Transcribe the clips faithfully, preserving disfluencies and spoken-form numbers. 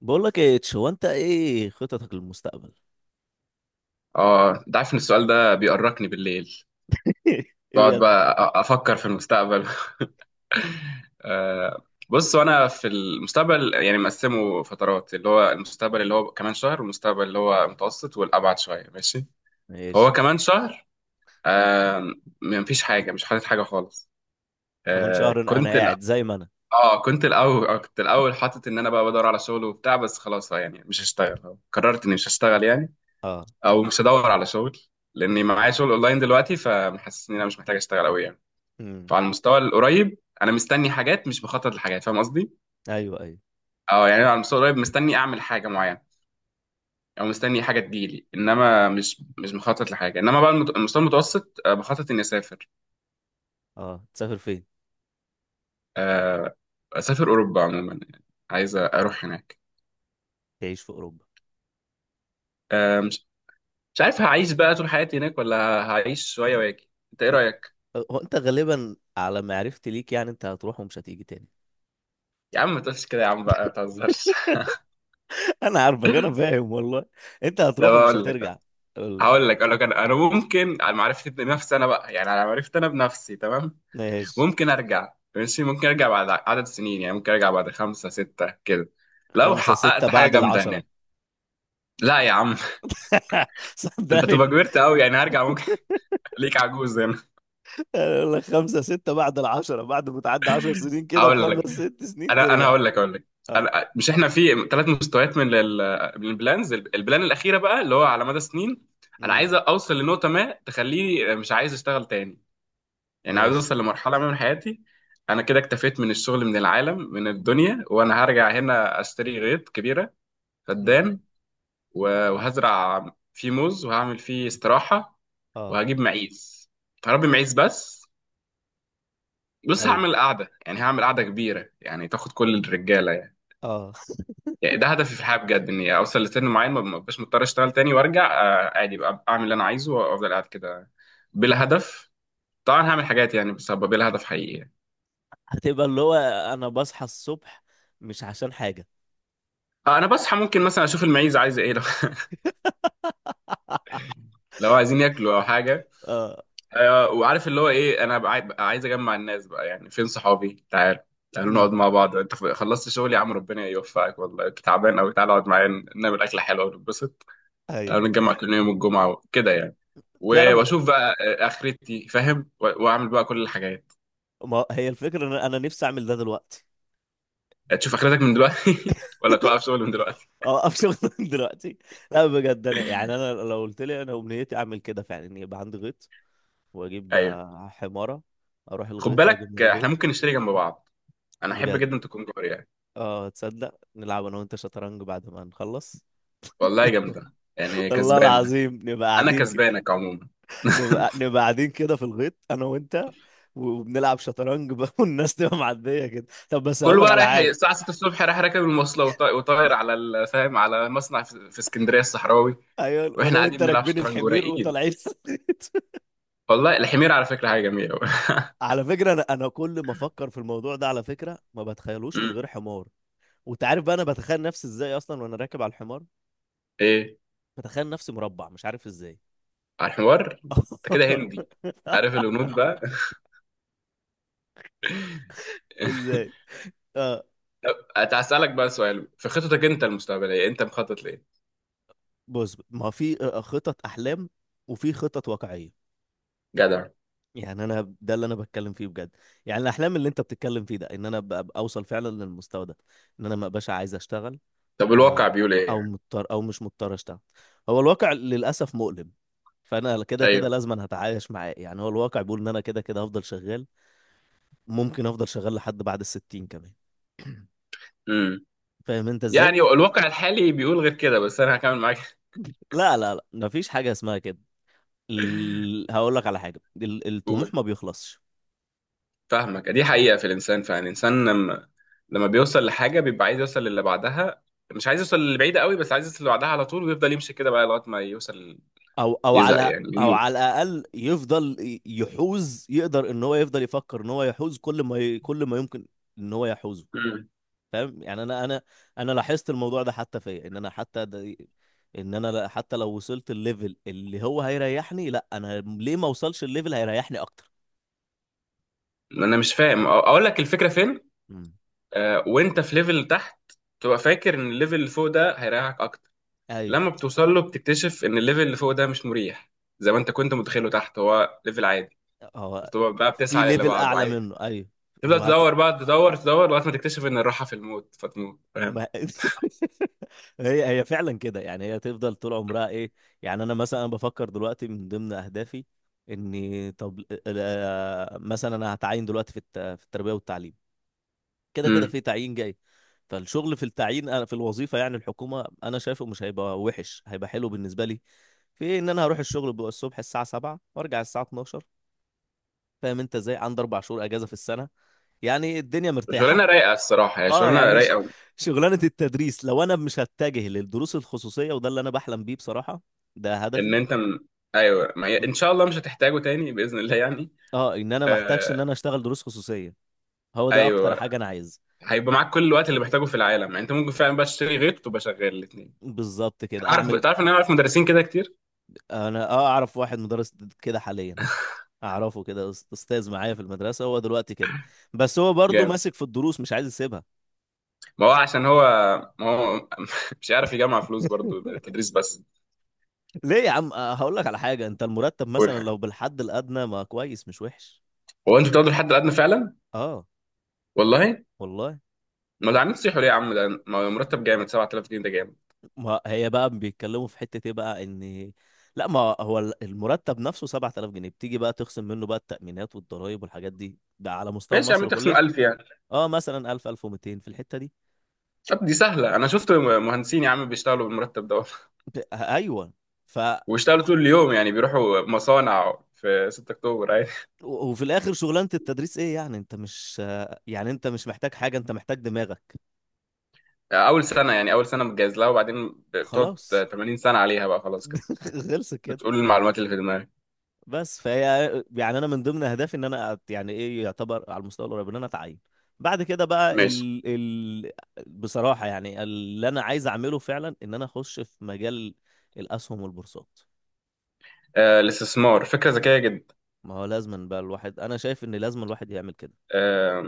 بقول لك ايه تش، هو انت ايه خططك للمستقبل؟ اه، انت عارف ان السؤال ده بيقرقني بالليل. بقعد بجد؟ بقى أ- افكر في المستقبل. آه. بص، وانا في المستقبل يعني مقسمه فترات، اللي هو المستقبل اللي هو كمان شهر، والمستقبل اللي هو متوسط، والابعد شويه ماشي. فهو ماشي. كمان شهر، آه، مفيش حاجه، مش حاطط حاجه خالص. كمان شهر آه انا كنت قاعد لا زي ما انا. اه كنت الاول آه، كنت الاول حاطط ان انا بقى بدور على شغل وبتاع، بس خلاص، آه، يعني مش هشتغل، قررت اني مش هشتغل يعني، اه. او مش هدور على شغل، لاني معايا شغل اونلاين دلوقتي، فمحسس ان انا مش محتاج اشتغل قوي يعني. امم. فعلى المستوى القريب انا مستني حاجات، مش بخطط لحاجات، فاهم قصدي. ايوه، ايوه. اه يعني أنا على المستوى القريب مستني اعمل حاجه معينه، او مستني حاجه تجيلي، انما مش مش مخطط لحاجه. انما بقى المت- المستوى المتوسط، آه، بخطط اني اسافر. اه، تسافر فين؟ آه، اسافر اوروبا عموما يعني، عايز اروح هناك. تعيش في اوروبا؟ آه، مش مش عارف هعيش بقى طول حياتي هناك ولا هعيش شويه واجي، انت ايه آه، رايك؟ هو انت غالبا على معرفتي ليك، يعني انت هتروح ومش هتيجي تاني. يا عم ما تقولش كده، يا عم بقى ما تهزرش. انا عارفك، انا فاهم والله. انت ده هتروح ومش بقول لك. هترجع. قول. هقول لك اقول لك انا انا ممكن، على معرفتي بنفسي، انا بقى يعني، على معرفتي انا بنفسي تمام، ماشي. ممكن ارجع ماشي، ممكن ارجع بعد عدد سنين يعني، ممكن ارجع بعد خمسة ستة كده لو خمسة ستة حققت حاجة بعد جامدة العشرة؟ هناك. لا يا عم. انت تبقى صدقني. كبرت قوي يعني، هرجع ممكن. ليك عجوز هنا. أقول لك خمسة ستة بعد العشرة، بعد ما تعدي عشر سنين كده هقول بخمس لك، ست سنين انا انا ترجع. هقول لك هقول لك. اه. أنا مش، احنا في ثلاث مستويات من ال- من البلانز، البلان الاخيره بقى اللي هو على مدى سنين، انا عايز اوصل لنقطه ما تخليني مش عايز اشتغل تاني، يعني عايز ماشي. اوصل لمرحله ما من حياتي، انا كده اكتفيت من الشغل، من العالم، من الدنيا، وانا هرجع هنا اشتري غيط كبيره، مم. فدان، و- وهزرع فيه موز، وهعمل فيه استراحة، اه. وهجيب معيز، هربي معيز بس. بص، ايوه. هعمل قعدة، يعني هعمل قعدة كبيرة يعني، تاخد كل الرجالة يعني، اه. يعني ده هدفي في الحياة بجد، إني أوصل لسن معين ما بقاش مضطر أشتغل تاني، وأرجع، آه، عادي بقى أعمل اللي أنا عايزه وأفضل قاعد كده، بلا هدف. طبعا هعمل حاجات يعني، بس هبقى بلا هدف حقيقي يعني. هتبقى اللي هو، انا بصحى الصبح مش عشان حاجه. آه، أنا بصحى ممكن مثلا أشوف المعيز عايزة إيه لو، لو عايزين ياكلوا أو حاجة. اه. آه، وعارف اللي هو ايه، انا بع- بقى عايز اجمع الناس بقى، يعني فين صحابي، تعال، تعالوا امم. نقعد مع بعض، انت خلصت شغل يا عم ربنا يوفقك، والله كنت تعبان قوي، تعال اقعد معايا، نعمل اكله حلوه ونتبسط، ايوه. تعالوا نتجمع كل يوم الجمعه كده يعني، و- تعرف، واشوف بقى، آه، اخرتي فاهم، و- واعمل بقى كل الحاجات. ما هي الفكره ان انا نفسي اعمل ده دلوقتي. آه، تشوف اخرتك من دلوقتي ولا توقف شغل من دلوقتي؟ اه، افشل دلوقتي؟ لا بجد، انا يعني انا لو قلت لي انا امنيتي اعمل كده فعلا، ان يبقى عندي غيط واجيب ايوه. آه، حماره، اروح خد الغيط واجيب من بالك، آه، الغيط. احنا ممكن نشتري جنب بعض، انا احب بجد. جدا تكون جاري يعني. اه، تصدق نلعب انا وانت شطرنج بعد ما نخلص؟ والله جامده يعني، والله كسبانه. العظيم نبقى انا قاعدين كده. كسبانك عموما. نبقى نبقى قاعدين كده في الغيط انا وانت، وبنلعب شطرنج بقى والناس تبقى معديه كده. طب بس هقول كله لك بقى على رايح حاجه. الساعه ستة الصبح، رايح راكب المواصله وطا- وطاير على ال- فاهم، على مصنع في في اسكندريه الصحراوي، ايوه. واحنا انا وانت قاعدين بنلعب راكبين شطرنج الحمير ورايقين. وطالعين الغيط. والله الحمير على فكره حاجه جميله أوي. على فكره، انا انا كل ما افكر في الموضوع ده، على فكره ما بتخيلوش من أمم. غير حمار. وانت عارف بقى انا بتخيل نفسي ازاي اصلا وانا راكب على الحمار. ايه، بتخيل نفسي مربع، مش عارف ازاي. على الحوار انت كده هندي، عارف الهنود بقى. ازاي؟ اه. هسألك بقى سؤال، في خطتك انت المستقبليه، انت مخطط لايه؟ بص، ما في آه، خطط احلام، وفي خطط واقعيه. جدع. يعني انا ده اللي انا بتكلم فيه بجد. يعني الاحلام اللي انت بتتكلم فيه ده، ان انا ابقى أبقى اوصل فعلا للمستوى ده، ان انا ما ابقاش عايز اشتغل. طب آه، الواقع بيقول ايه او يعني؟ مضطر او مش مضطر اشتغل. هو الواقع للاسف مؤلم، فانا كده كده ايوه. لازم أنا هتعايش معاه. يعني هو الواقع بيقول ان انا كده كده هفضل شغال، ممكن افضل شغال لحد بعد الستين كمان. امم. فاهم انت ازاي؟ يعني الواقع الحالي بيقول غير كده، بس انا هكمل معاك. لا لا لا، مفيش حاجه اسمها كده. ال... هقول لك على حاجه، ال... الطموح ما بيخلصش. فاهمك، دي حقيقة في الإنسان فعلا، الإنسان لما لما بيوصل لحاجة بيبقى عايز يوصل للي بعدها، مش عايز يوصل للي بعيدة قوي، بس عايز يوصل اللي بعدها على طول، ويفضل يمشي كده بقى لغاية ما يوصل، او او يزهق على، يعني، او على يموت. الاقل يفضل ي- يحوز، يقدر ان هو يفضل يفكر ان هو يحوز كل ما ي... كل ما يمكن ان هو يحوزه. مم. فاهم يعني انا انا، انا لاحظت الموضوع ده حتى فيا، ان انا حتى ده، ان انا لا- حتى لو وصلت الليفل اللي هو هيريحني، لا انا ليه ما اوصلش الليفل هيريحني اكتر. أنا مش فاهم، أ- أقول لك الفكرة فين. امم. آه، وأنت في ليفل تحت، تبقى فاكر إن الليفل اللي فوق ده هيريحك أكتر، ايوه. لما بتوصل له بتكتشف إن الليفل اللي فوق ده مش مريح زي ما أنت كنت متخيله، تحت هو ليفل عادي، هو بتبقى بقى في بتسعى للي ليفل بعده اعلى عادي، منه، ايوه. تفضل هو تدور بقى، تدور تدور لغاية ما تكتشف إن الراحة في الموت، فتموت، فاهم. ما. هي هي فعلا كده، يعني هي تفضل طول عمرها ايه. يعني انا مثلا أنا بفكر دلوقتي من ضمن اهدافي، اني طب آه، مثلا انا هتعين دلوقتي في الت- في التربيه والتعليم، كده كده مم. في تعيين جاي. فالشغل في التعيين أنا- في الوظيفه، يعني الحكومه انا شايفه مش هيبقى وحش، هيبقى حلو بالنسبه لي، في ان انا هروح الشغل بقى الصبح الساعه سبعة وارجع الساعه اتناشر. فاهم انت ازاي؟ عندي اربع شهور اجازه في السنه، يعني الدنيا شغلانه مرتاحه. رايقه الصراحه، هي اه، شغلانه يعني ش- رايقه. شغلانة التدريس، لو انا مش هتجه للدروس الخصوصية، وده اللي انا بحلم بيه بصراحة. ده ان هدفي. انت م... ايوه، ما هي ان شاء الله مش هتحتاجه تاني باذن الله يعني. اه، ان انا محتاجش ان آه... انا اشتغل دروس خصوصية. هو ده اكتر ايوه، حاجة انا عايز. هيبقى معاك كل الوقت اللي محتاجه في العالم يعني، انت ممكن فعلا بقى تشتري غيط وتبقى شغال الاثنين. بالظبط كده عارف، اعمل. تعرف ان انا عارف مدرسين كده كتير. انا، اه، اعرف واحد مدرس كده حاليا، اعرفه كده أس- استاذ معايا في المدرسة، هو دلوقتي كده، بس هو برضو جامد. ماسك في الدروس، مش عايز يسيبها. ما هو عشان هو، ما هو مش عارف يجمع فلوس برضو من التدريس بس. ليه يا عم! آه، هقول لك على حاجة، انت المرتب قول مثلا حاجه. لو بالحد الادنى، ما كويس مش وحش. هو انتوا بتاخدوا الحد الادنى فعلا؟ اه والله. والله. ما ده، عاملين تصيحوا ليه يا عم؟ ده ما هو مرتب جامد، سبعة آلاف جنيه ده جامد. ما هي بقى بيتكلموا في حتة ايه بقى، ان، لا ما هو ال- المرتب نفسه سبع آلاف جنيه، بتيجي بقى تخصم منه بقى التأمينات والضرائب والحاجات دي، ده على مستوى ماشي يا عم، مصر تخصم كلها. ألف يعني. اه، مثلا ألف ألف ومئتين في الحتة دي. طب دي سهله، انا شفت مهندسين يا عم بيشتغلوا بالمرتب ده ب- ايوه. ف واشتغلوا طول اليوم يعني، بيروحوا مصانع في 6 اكتوبر عادي. و- وفي الاخر شغلانة التدريس ايه، يعني انت مش، يعني انت مش محتاج حاجة، انت محتاج دماغك. اول سنه يعني، اول سنه متجهز لها، وبعدين بتقعد خلاص. ثمانين سنة سنه عليها بقى خلاص كده، خلص كده. بتقول المعلومات اللي في دماغك. بس فهي، يعني انا من ضمن اهدافي، ان انا أت- يعني ايه، يعتبر على المستوى القريب ان انا اتعين. بعد كده بقى ماشي. ال... ال... بصراحة يعني، اللي انا عايز اعمله فعلا، ان انا اخش في مجال الاسهم والبورصات. آه الاستثمار فكره ذكيه جدا. ما هو لازم بقى الواحد، انا شايف ان لازم الواحد يعمل كده. آه،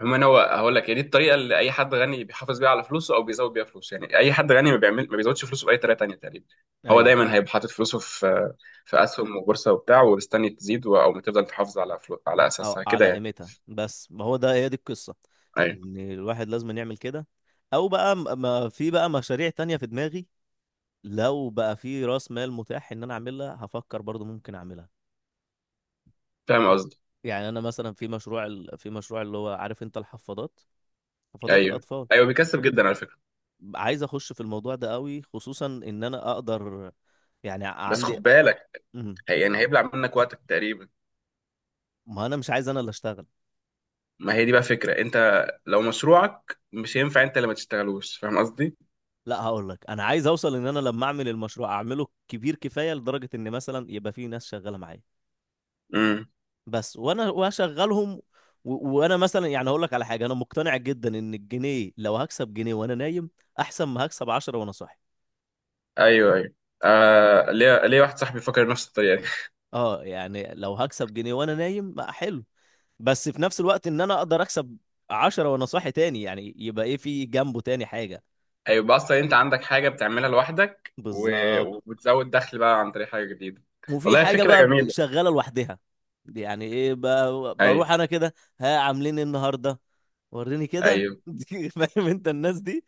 عموما هو، هقول لك، هي دي الطريقه اللي اي حد غني بيحافظ بيها على فلوسه او بيزود بيها فلوسه، يعني اي حد غني ما بيعمل، ما بيزودش فلوسه باي طريقه تانيه تقريبا، هو ايوه. دايما هيبقى حاطط فلوسه في، في اسهم وبورصه وبتاع، ومستني تزيد، و- او تفضل تحافظ على فلو... على او اساسها كده على يعني. قيمتها بس، ما هو ده هي دي القصة، ايوه، ان الواحد لازم يعمل كده. او بقى، م- ما في بقى مشاريع تانية في دماغي، لو بقى في راس مال متاح ان انا اعملها، هفكر برضو ممكن اعملها. فاهم يع- قصدي. يعني انا مثلا في مشروع ال- في مشروع اللي هو، عارف انت الحفاضات، حفاضات ايوه الاطفال، ايوه، بيكسب جدا على فكره. عايز اخش في الموضوع ده قوي، خصوصا ان انا اقدر، يعني بس عندي. خد بالك، مم. هي يعني هيبلع منك وقتك تقريبا. ما انا مش عايز انا اللي اشتغل. ما هي دي بقى فكرة، انت لو مشروعك مش هينفع انت اللي ما تشتغلوش، فاهم قصدي؟ لا، هقول لك، انا عايز اوصل ان انا لما اعمل المشروع اعمله كبير كفايه لدرجه ان مثلا يبقى في ناس شغاله معايا امم. بس، وانا واشغلهم. و... وانا مثلا يعني هقول لك على حاجه، انا مقتنع جدا ان الجنيه، لو هكسب جنيه وانا نايم احسن ما هكسب عشرة وانا صاحي. ايوه ايوه. آه، ليه ليه واحد صاحبي فكر نفس الطريقة دي. اه، يعني لو هكسب جنيه وانا نايم ما حلو، بس في نفس الوقت ان انا اقدر اكسب عشرة وانا صاحي تاني، يعني يبقى ايه في جنبه تاني حاجة. هيبقى اصلا انت عندك حاجة بتعملها لوحدك و... بالظبط. وبتزود دخل بقى عن طريق حاجة جديدة. وفي والله حاجة فكرة بقى جميلة. شغالة لوحدها. دي، يعني ايه، ب- ايوه بروح انا كده، ها عاملين إيه النهاردة، وريني كده، ايوه فاهم انت الناس دي.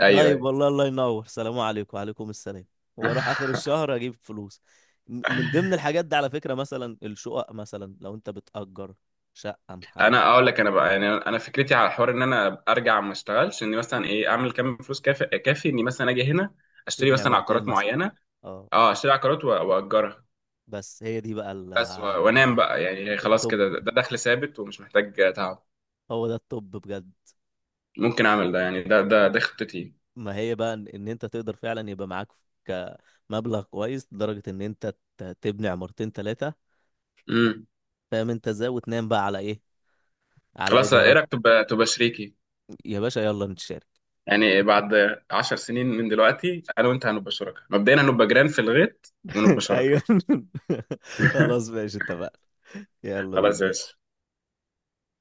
ايوه طيب، ايوه. والله، الله ينور، سلام عليكم، وعليكم السلام، واروح اخر الشهر اجيب فلوس. م- من ضمن الحاجات دي على فكرة، مثلا الشقق، مثلا لو انت بتأجر شقة محل، انا اقول لك، انا بقى يعني، انا فكرتي على حوار ان انا ارجع ما اشتغلش، اني مثلا ايه، اعمل كام فلوس كافي، كافي اني مثلا اجي هنا اشتري تبني مثلا عمارتين عقارات مثلا. معينة. اه. اه، اشتري عقارات و- واجرها بس هي دي بقى ال- بس، و- وانام بقى يعني، هي خلاص الطب، كده، ده دخل ثابت ومش محتاج تعب، هو ده الطب بجد. ممكن اعمل ده يعني، ده ده ده خطتي. ما هي بقى ان إن انت تقدر فعلا يبقى معاك كمبلغ كويس لدرجة ان انت ت- تبني عمارتين ثلاثة، امم. فاهم انت ازاي؟ وتنام بقى على ايه، على خلاص، ايه ايجارات. رايك تبقى تبقى شريكي؟ يا باشا يلا نتشارك. يعني بعد عشر سنين من دلوقتي، انا وانت هنبقى شركاء، مبدئيا هنبقى جيران في الغيط ونبقى شركاء. ايوه. خلاص، ماشي، اتفقنا. يلا خلاص يا بينا. باشا.